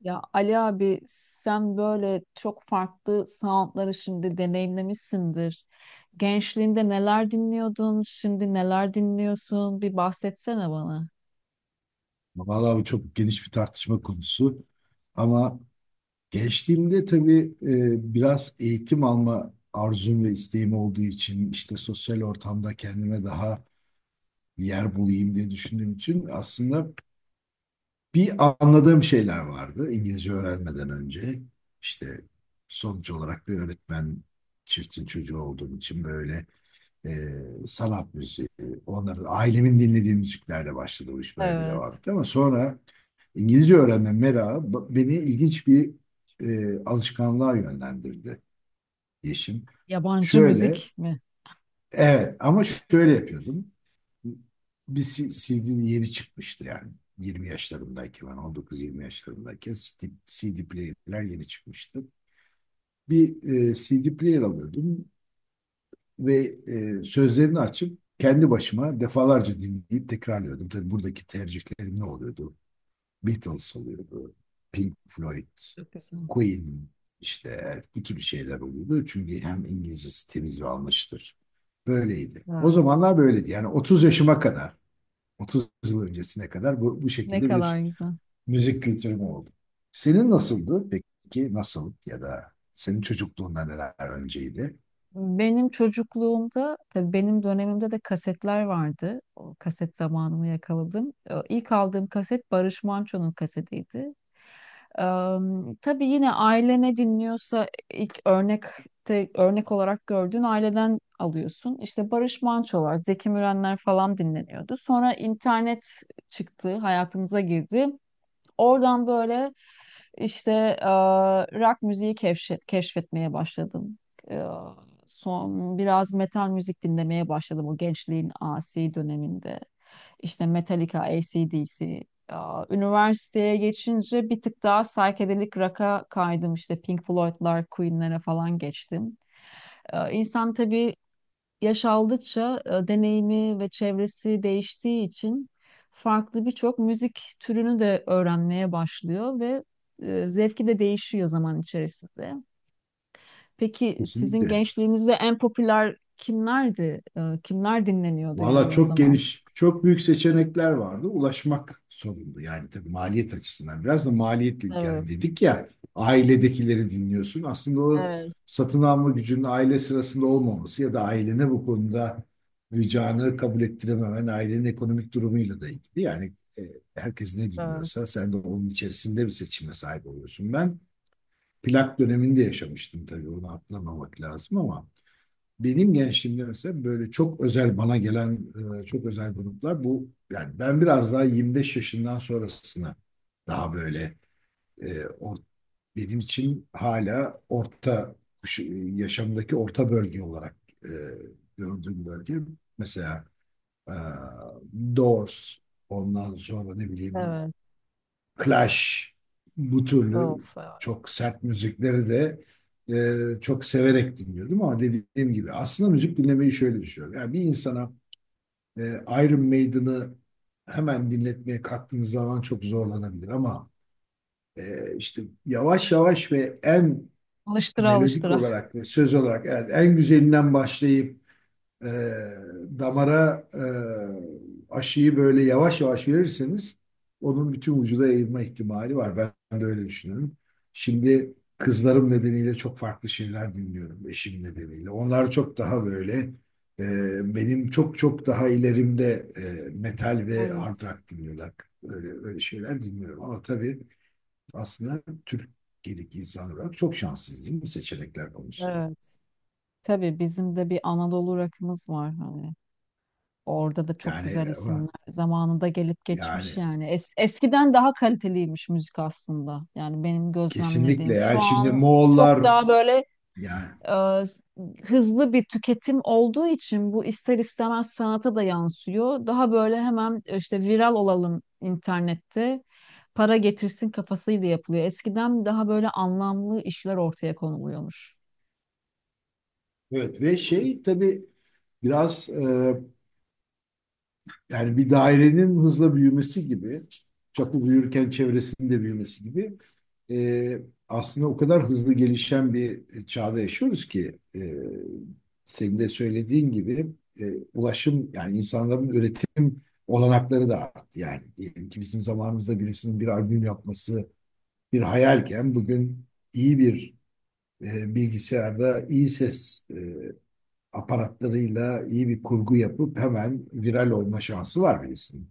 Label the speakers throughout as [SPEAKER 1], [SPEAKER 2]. [SPEAKER 1] Ya Ali abi sen böyle çok farklı soundları şimdi deneyimlemişsindir. Gençliğinde neler dinliyordun, şimdi neler dinliyorsun? Bir bahsetsene bana.
[SPEAKER 2] Vallahi bu çok geniş bir tartışma konusu. Ama gençliğimde tabii biraz eğitim alma arzum ve isteğim olduğu için işte sosyal ortamda kendime daha yer bulayım diye düşündüğüm için aslında bir anladığım şeyler vardı İngilizce öğrenmeden önce. İşte sonuç olarak bir öğretmen çiftin çocuğu olduğum için böyle e, sanat müziği, onların, ailemin dinlediği müziklerle başladı, bu iş böyle devam
[SPEAKER 1] Evet.
[SPEAKER 2] etti. Ama sonra İngilizce öğrenme merakı beni ilginç bir alışkanlığa yönlendirdi, Yeşim.
[SPEAKER 1] Yabancı
[SPEAKER 2] Şöyle,
[SPEAKER 1] müzik mi?
[SPEAKER 2] evet, ama şöyle yapıyordum. Bir CD'nin yeni çıkmıştı yani. 20 yaşlarımdayken, ben 19-20 yaşlarımdayken CD, CD player'ler yeni çıkmıştı. Bir CD player alıyordum ve sözlerini açıp kendi başıma defalarca dinleyip tekrarlıyordum. Tabii buradaki tercihlerim ne oluyordu? Beatles oluyordu, Pink Floyd,
[SPEAKER 1] Çok güzel.
[SPEAKER 2] Queen, işte evet, bu tür şeyler oluyordu. Çünkü hem İngilizcesi temiz ve anlaşılır. Böyleydi. O
[SPEAKER 1] Evet.
[SPEAKER 2] zamanlar böyleydi. Yani 30 yaşıma kadar, 30 yıl öncesine kadar bu
[SPEAKER 1] Ne
[SPEAKER 2] şekilde
[SPEAKER 1] kadar
[SPEAKER 2] bir
[SPEAKER 1] güzel.
[SPEAKER 2] müzik kültürüm oldu. Senin nasıldı? Peki nasıl ya da senin çocukluğunda neler önceydi?
[SPEAKER 1] Benim çocukluğumda, tabii benim dönemimde de kasetler vardı. O kaset zamanımı yakaladım. İlk aldığım kaset Barış Manço'nun kasetiydi. Ee, tabii yine aile ne dinliyorsa ilk örnekte örnek olarak gördüğün aileden alıyorsun. İşte Barış Manço'lar, Zeki Mürenler falan dinleniyordu. Sonra internet çıktı, hayatımıza girdi. Oradan böyle işte e, rock keşfetmeye başladım. E, Son biraz metal müzik dinlemeye başladım o gençliğin asi döneminde. İşte Metallica, AC/DC. Üniversiteye geçince bir tık daha psychedelic rock'a kaydım. İşte Pink Floyd'lar, Queen'lere falan geçtim. İnsan tabii yaş aldıkça deneyimi ve çevresi değiştiği için farklı birçok müzik türünü de öğrenmeye başlıyor ve zevki de değişiyor zaman içerisinde. Peki sizin
[SPEAKER 2] Kesinlikle.
[SPEAKER 1] gençliğinizde en popüler kimlerdi? Kimler dinleniyordu
[SPEAKER 2] Valla
[SPEAKER 1] yani o
[SPEAKER 2] çok
[SPEAKER 1] zaman?
[SPEAKER 2] geniş, çok büyük seçenekler vardı. Ulaşmak sorundu. Yani tabii maliyet açısından biraz da maliyetli.
[SPEAKER 1] Evet,
[SPEAKER 2] Yani dedik ya, ailedekileri dinliyorsun. Aslında o
[SPEAKER 1] evet,
[SPEAKER 2] satın alma gücünün aile sırasında olmaması ya da ailene bu konuda ricanı kabul ettirememen ailenin ekonomik durumuyla da ilgili. Yani e, herkes ne
[SPEAKER 1] evet,
[SPEAKER 2] dinliyorsa sen de onun içerisinde bir seçime sahip oluyorsun. Ben plak döneminde yaşamıştım, tabii onu atlamamak lazım. Ama benim gençliğimde mesela böyle çok özel bana gelen, çok özel gruplar, bu yani ben biraz daha 25 yaşından sonrasına daha böyle e, or- benim için hala orta yaşamdaki orta bölge olarak e, gördüğüm bölge, mesela e, Doors, ondan sonra ne bileyim,
[SPEAKER 1] evet.
[SPEAKER 2] Clash, bu türlü
[SPEAKER 1] Of, evet,
[SPEAKER 2] çok sert müzikleri de çok severek dinliyordum. Ama dediğim gibi aslında müzik dinlemeyi şöyle düşünüyorum. Yani bir insana e, Iron Maiden'ı hemen dinletmeye kalktığınız zaman çok zorlanabilir ama işte yavaş yavaş ve en
[SPEAKER 1] alıştıra
[SPEAKER 2] melodik
[SPEAKER 1] alıştıra.
[SPEAKER 2] olarak ve söz olarak, evet, en güzelinden başlayıp e, damara aşıyı böyle yavaş yavaş verirseniz onun bütün vücuda yayılma ihtimali var. Ben de öyle düşünüyorum. Şimdi kızlarım nedeniyle çok farklı şeyler dinliyorum, eşim nedeniyle. Onlar çok daha böyle, benim çok çok daha ilerimde, metal ve hard
[SPEAKER 1] Evet.
[SPEAKER 2] rock dinliyorlar. Öyle, öyle şeyler dinliyorum. Ama tabii aslında Türkiye'deki insan olarak çok şanssız değil mi seçenekler konusunda?
[SPEAKER 1] Evet. Tabii bizim de bir Anadolu rakımız var hani. Orada da çok
[SPEAKER 2] Yani,
[SPEAKER 1] güzel isimler
[SPEAKER 2] ama
[SPEAKER 1] zamanında gelip
[SPEAKER 2] yani
[SPEAKER 1] geçmiş yani. Eskiden daha kaliteliymiş müzik aslında. Yani benim
[SPEAKER 2] kesinlikle,
[SPEAKER 1] gözlemlediğim şu
[SPEAKER 2] yani şimdi
[SPEAKER 1] an çok
[SPEAKER 2] Moğollar,
[SPEAKER 1] daha böyle
[SPEAKER 2] yani
[SPEAKER 1] e, hızlı bir tüketim olduğu için bu ister istemez sanata da yansıyor. Daha böyle hemen işte viral olalım internette para getirsin kafasıyla yapılıyor. Eskiden daha böyle anlamlı işler ortaya konuluyormuş.
[SPEAKER 2] evet. Ve şey, tabii biraz yani bir dairenin hızla büyümesi gibi, çapı büyürken çevresinin de büyümesi gibi, e, aslında o kadar hızlı gelişen bir çağda yaşıyoruz ki senin de söylediğin gibi, ulaşım, yani insanların üretim olanakları da arttı. Yani diyelim ki bizim zamanımızda birisinin bir albüm yapması bir hayalken, bugün iyi bir bilgisayarda iyi ses aparatlarıyla iyi bir kurgu yapıp hemen viral olma şansı var birisinin.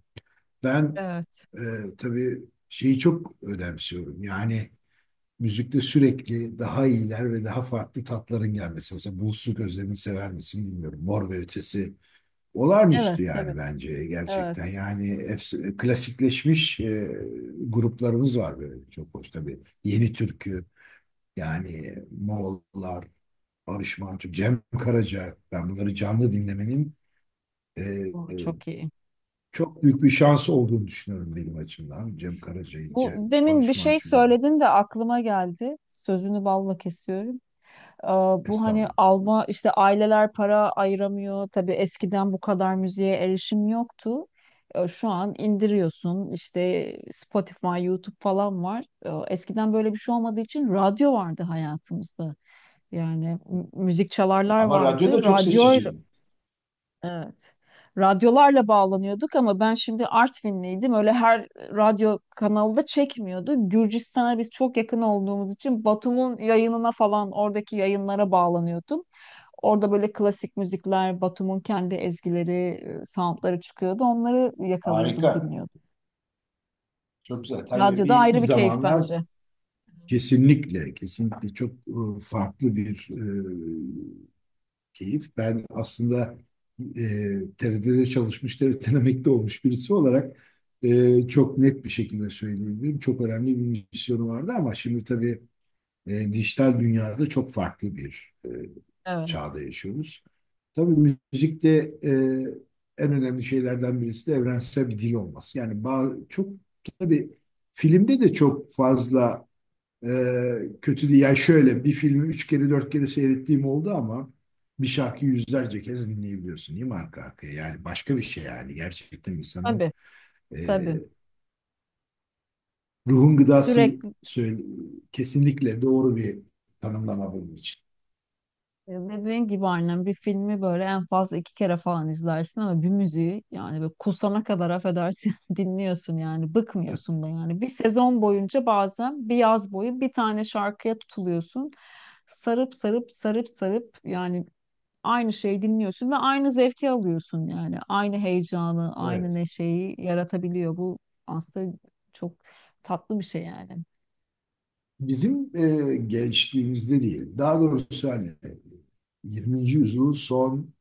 [SPEAKER 2] Ben
[SPEAKER 1] Evet.
[SPEAKER 2] e, tabii şeyi çok önemsiyorum. Yani müzikte sürekli daha iyiler ve daha farklı tatların gelmesi. Mesela Bulutsuz Gözlerini sever misin bilmiyorum. Mor ve Ötesi olağanüstü
[SPEAKER 1] Evet,
[SPEAKER 2] yani,
[SPEAKER 1] tabii.
[SPEAKER 2] bence gerçekten.
[SPEAKER 1] Evet.
[SPEAKER 2] Yani klasikleşmiş gruplarımız var, böyle çok hoş tabii. Yeni Türkü, yani Moğollar, Barış Manço, Cem Karaca, ben bunları canlı dinlemenin e,
[SPEAKER 1] Bu
[SPEAKER 2] e,
[SPEAKER 1] çok iyi.
[SPEAKER 2] çok büyük bir şans olduğunu düşünüyorum benim açımdan. Cem Karaca'yı,
[SPEAKER 1] Bu demin bir
[SPEAKER 2] Barış
[SPEAKER 1] şey
[SPEAKER 2] Manço'yu.
[SPEAKER 1] söyledin de aklıma geldi. Sözünü balla kesiyorum. Ee, Bu hani
[SPEAKER 2] Estağfurullah.
[SPEAKER 1] alma işte aileler para ayıramıyor. Tabii eskiden bu kadar müziğe erişim yoktu. Şu an indiriyorsun işte Spotify, YouTube falan var. Eskiden böyle bir şey olmadığı için radyo vardı hayatımızda. Yani müzik çalarlar
[SPEAKER 2] Ama
[SPEAKER 1] vardı.
[SPEAKER 2] radyoda çok
[SPEAKER 1] Radyo.
[SPEAKER 2] seçiciyim.
[SPEAKER 1] Evet. Radyolarla bağlanıyorduk ama ben şimdi Artvinliydim. Öyle her radyo kanalı da çekmiyordu. Gürcistan'a biz çok yakın olduğumuz için Batum'un yayınına falan oradaki yayınlara bağlanıyordum. Orada böyle klasik müzikler, Batum'un kendi ezgileri, soundları çıkıyordu. Onları yakalıyordum,
[SPEAKER 2] Harika.
[SPEAKER 1] dinliyordum.
[SPEAKER 2] Çok güzel. Tabii
[SPEAKER 1] Radyoda
[SPEAKER 2] bir,
[SPEAKER 1] ayrı
[SPEAKER 2] bir
[SPEAKER 1] bir keyif
[SPEAKER 2] zamanlar,
[SPEAKER 1] bence.
[SPEAKER 2] kesinlikle, kesinlikle çok farklı bir keyif. Ben aslında TRT'de çalışmış, TRT'den emekli olmuş birisi olarak çok net bir şekilde söyleyebilirim. Çok önemli bir misyonu vardı ama şimdi tabii dijital dünyada çok farklı bir
[SPEAKER 1] Evet.
[SPEAKER 2] çağda yaşıyoruz. Tabii müzikte e, en önemli şeylerden birisi de evrensel bir dil olması. Yani çok, tabii filmde de çok fazla kötü değil. Yani şöyle bir filmi 3 kere 4 kere seyrettiğim oldu ama bir şarkıyı yüzlerce kez dinleyebiliyorsun, değil mi, arka arkaya? Yani başka bir şey yani. Gerçekten insanın
[SPEAKER 1] Tabii,
[SPEAKER 2] e,
[SPEAKER 1] tabii.
[SPEAKER 2] ruhun gıdası,
[SPEAKER 1] Sürekli
[SPEAKER 2] söyle, kesinlikle doğru bir tanımlama bunun için.
[SPEAKER 1] dediğin gibi annem bir filmi böyle en fazla iki kere falan izlersin ama bir müziği yani böyle kusana kadar affedersin dinliyorsun yani
[SPEAKER 2] Evet.
[SPEAKER 1] bıkmıyorsun da yani. Bir sezon boyunca bazen bir yaz boyu bir tane şarkıya tutuluyorsun. Sarıp sarıp sarıp sarıp yani aynı şeyi dinliyorsun ve aynı zevki alıyorsun yani. Aynı heyecanı, aynı
[SPEAKER 2] Evet.
[SPEAKER 1] neşeyi yaratabiliyor. Bu aslında çok tatlı bir şey yani.
[SPEAKER 2] Bizim gençliğimizde değil. Daha doğrusu hani 20. yüzyılın son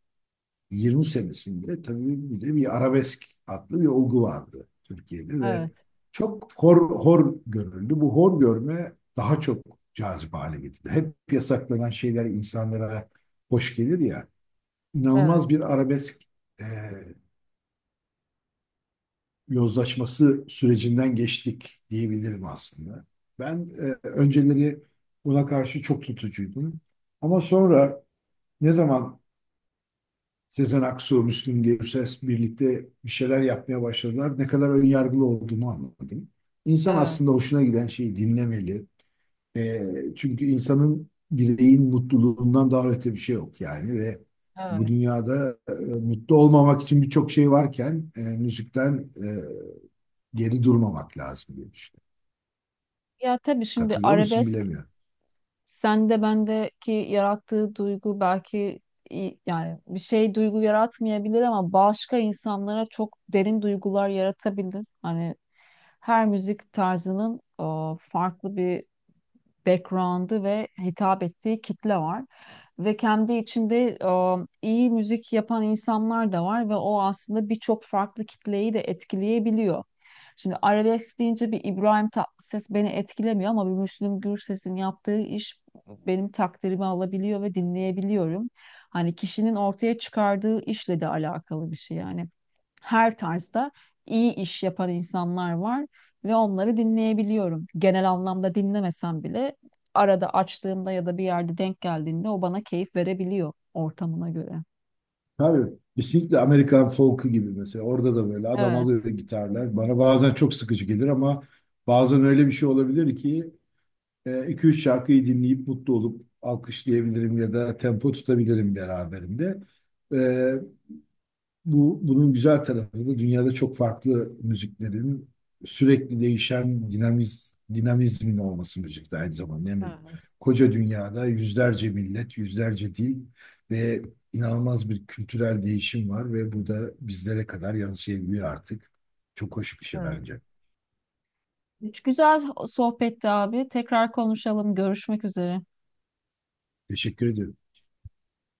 [SPEAKER 2] 20 senesinde tabii bir de bir arabesk adlı bir olgu vardı Türkiye'de ve
[SPEAKER 1] Evet,
[SPEAKER 2] çok hor görüldü. Bu hor görme daha çok cazip hale getirdi. Hep yasaklanan şeyler insanlara hoş gelir ya. İnanılmaz
[SPEAKER 1] evet,
[SPEAKER 2] bir arabesk e, yozlaşması sürecinden geçtik diyebilirim aslında. Ben önceleri buna karşı çok tutucuydum. Ama sonra ne zaman Sezen Aksu, Müslüm Gürses birlikte bir şeyler yapmaya başladılar, ne kadar önyargılı olduğumu anladım. İnsan aslında
[SPEAKER 1] evet,
[SPEAKER 2] hoşuna giden şeyi dinlemeli. E, çünkü insanın, bireyin mutluluğundan daha öte bir şey yok yani. Ve bu
[SPEAKER 1] evet.
[SPEAKER 2] dünyada mutlu olmamak için birçok şey varken, müzikten geri durmamak lazım diye düşünüyorum.
[SPEAKER 1] Ya tabii şimdi
[SPEAKER 2] Katılıyor musun
[SPEAKER 1] arabesk
[SPEAKER 2] bilemiyorum.
[SPEAKER 1] sende bendeki yarattığı duygu belki yani bir şey duygu yaratmayabilir ama başka insanlara çok derin duygular yaratabilir. Hani her müzik tarzının farklı bir background'ı ve hitap ettiği kitle var. Ve kendi içinde iyi müzik yapan insanlar da var ve o aslında birçok farklı kitleyi de etkileyebiliyor. Şimdi arabesk deyince bir İbrahim Tatlıses beni etkilemiyor ama bir Müslüm Gürses'in yaptığı iş benim takdirimi alabiliyor ve dinleyebiliyorum. Hani kişinin ortaya çıkardığı işle de alakalı bir şey yani. Her tarzda iyi iş yapan insanlar var ve onları dinleyebiliyorum. Genel anlamda dinlemesem bile arada açtığımda ya da bir yerde denk geldiğinde o bana keyif verebiliyor ortamına göre.
[SPEAKER 2] Tabii kesinlikle, Amerikan folk'u gibi mesela. Orada da böyle adam alıyor
[SPEAKER 1] Evet.
[SPEAKER 2] gitarlar. Bana bazen çok sıkıcı gelir ama bazen öyle bir şey olabilir ki iki üç şarkıyı dinleyip mutlu olup alkışlayabilirim ya da tempo tutabilirim beraberinde. E, bu bunun güzel tarafı da dünyada çok farklı müziklerin sürekli değişen dinamizmin olması müzikte aynı zamanda. Yani
[SPEAKER 1] Evet.
[SPEAKER 2] koca dünyada yüzlerce millet, yüzlerce dil ve inanılmaz bir kültürel değişim var ve bu da bizlere kadar yansıyabiliyor artık. Çok hoş bir şey
[SPEAKER 1] Evet.
[SPEAKER 2] bence.
[SPEAKER 1] Güzel sohbetti abi. Tekrar konuşalım. Görüşmek üzere.
[SPEAKER 2] Teşekkür ederim.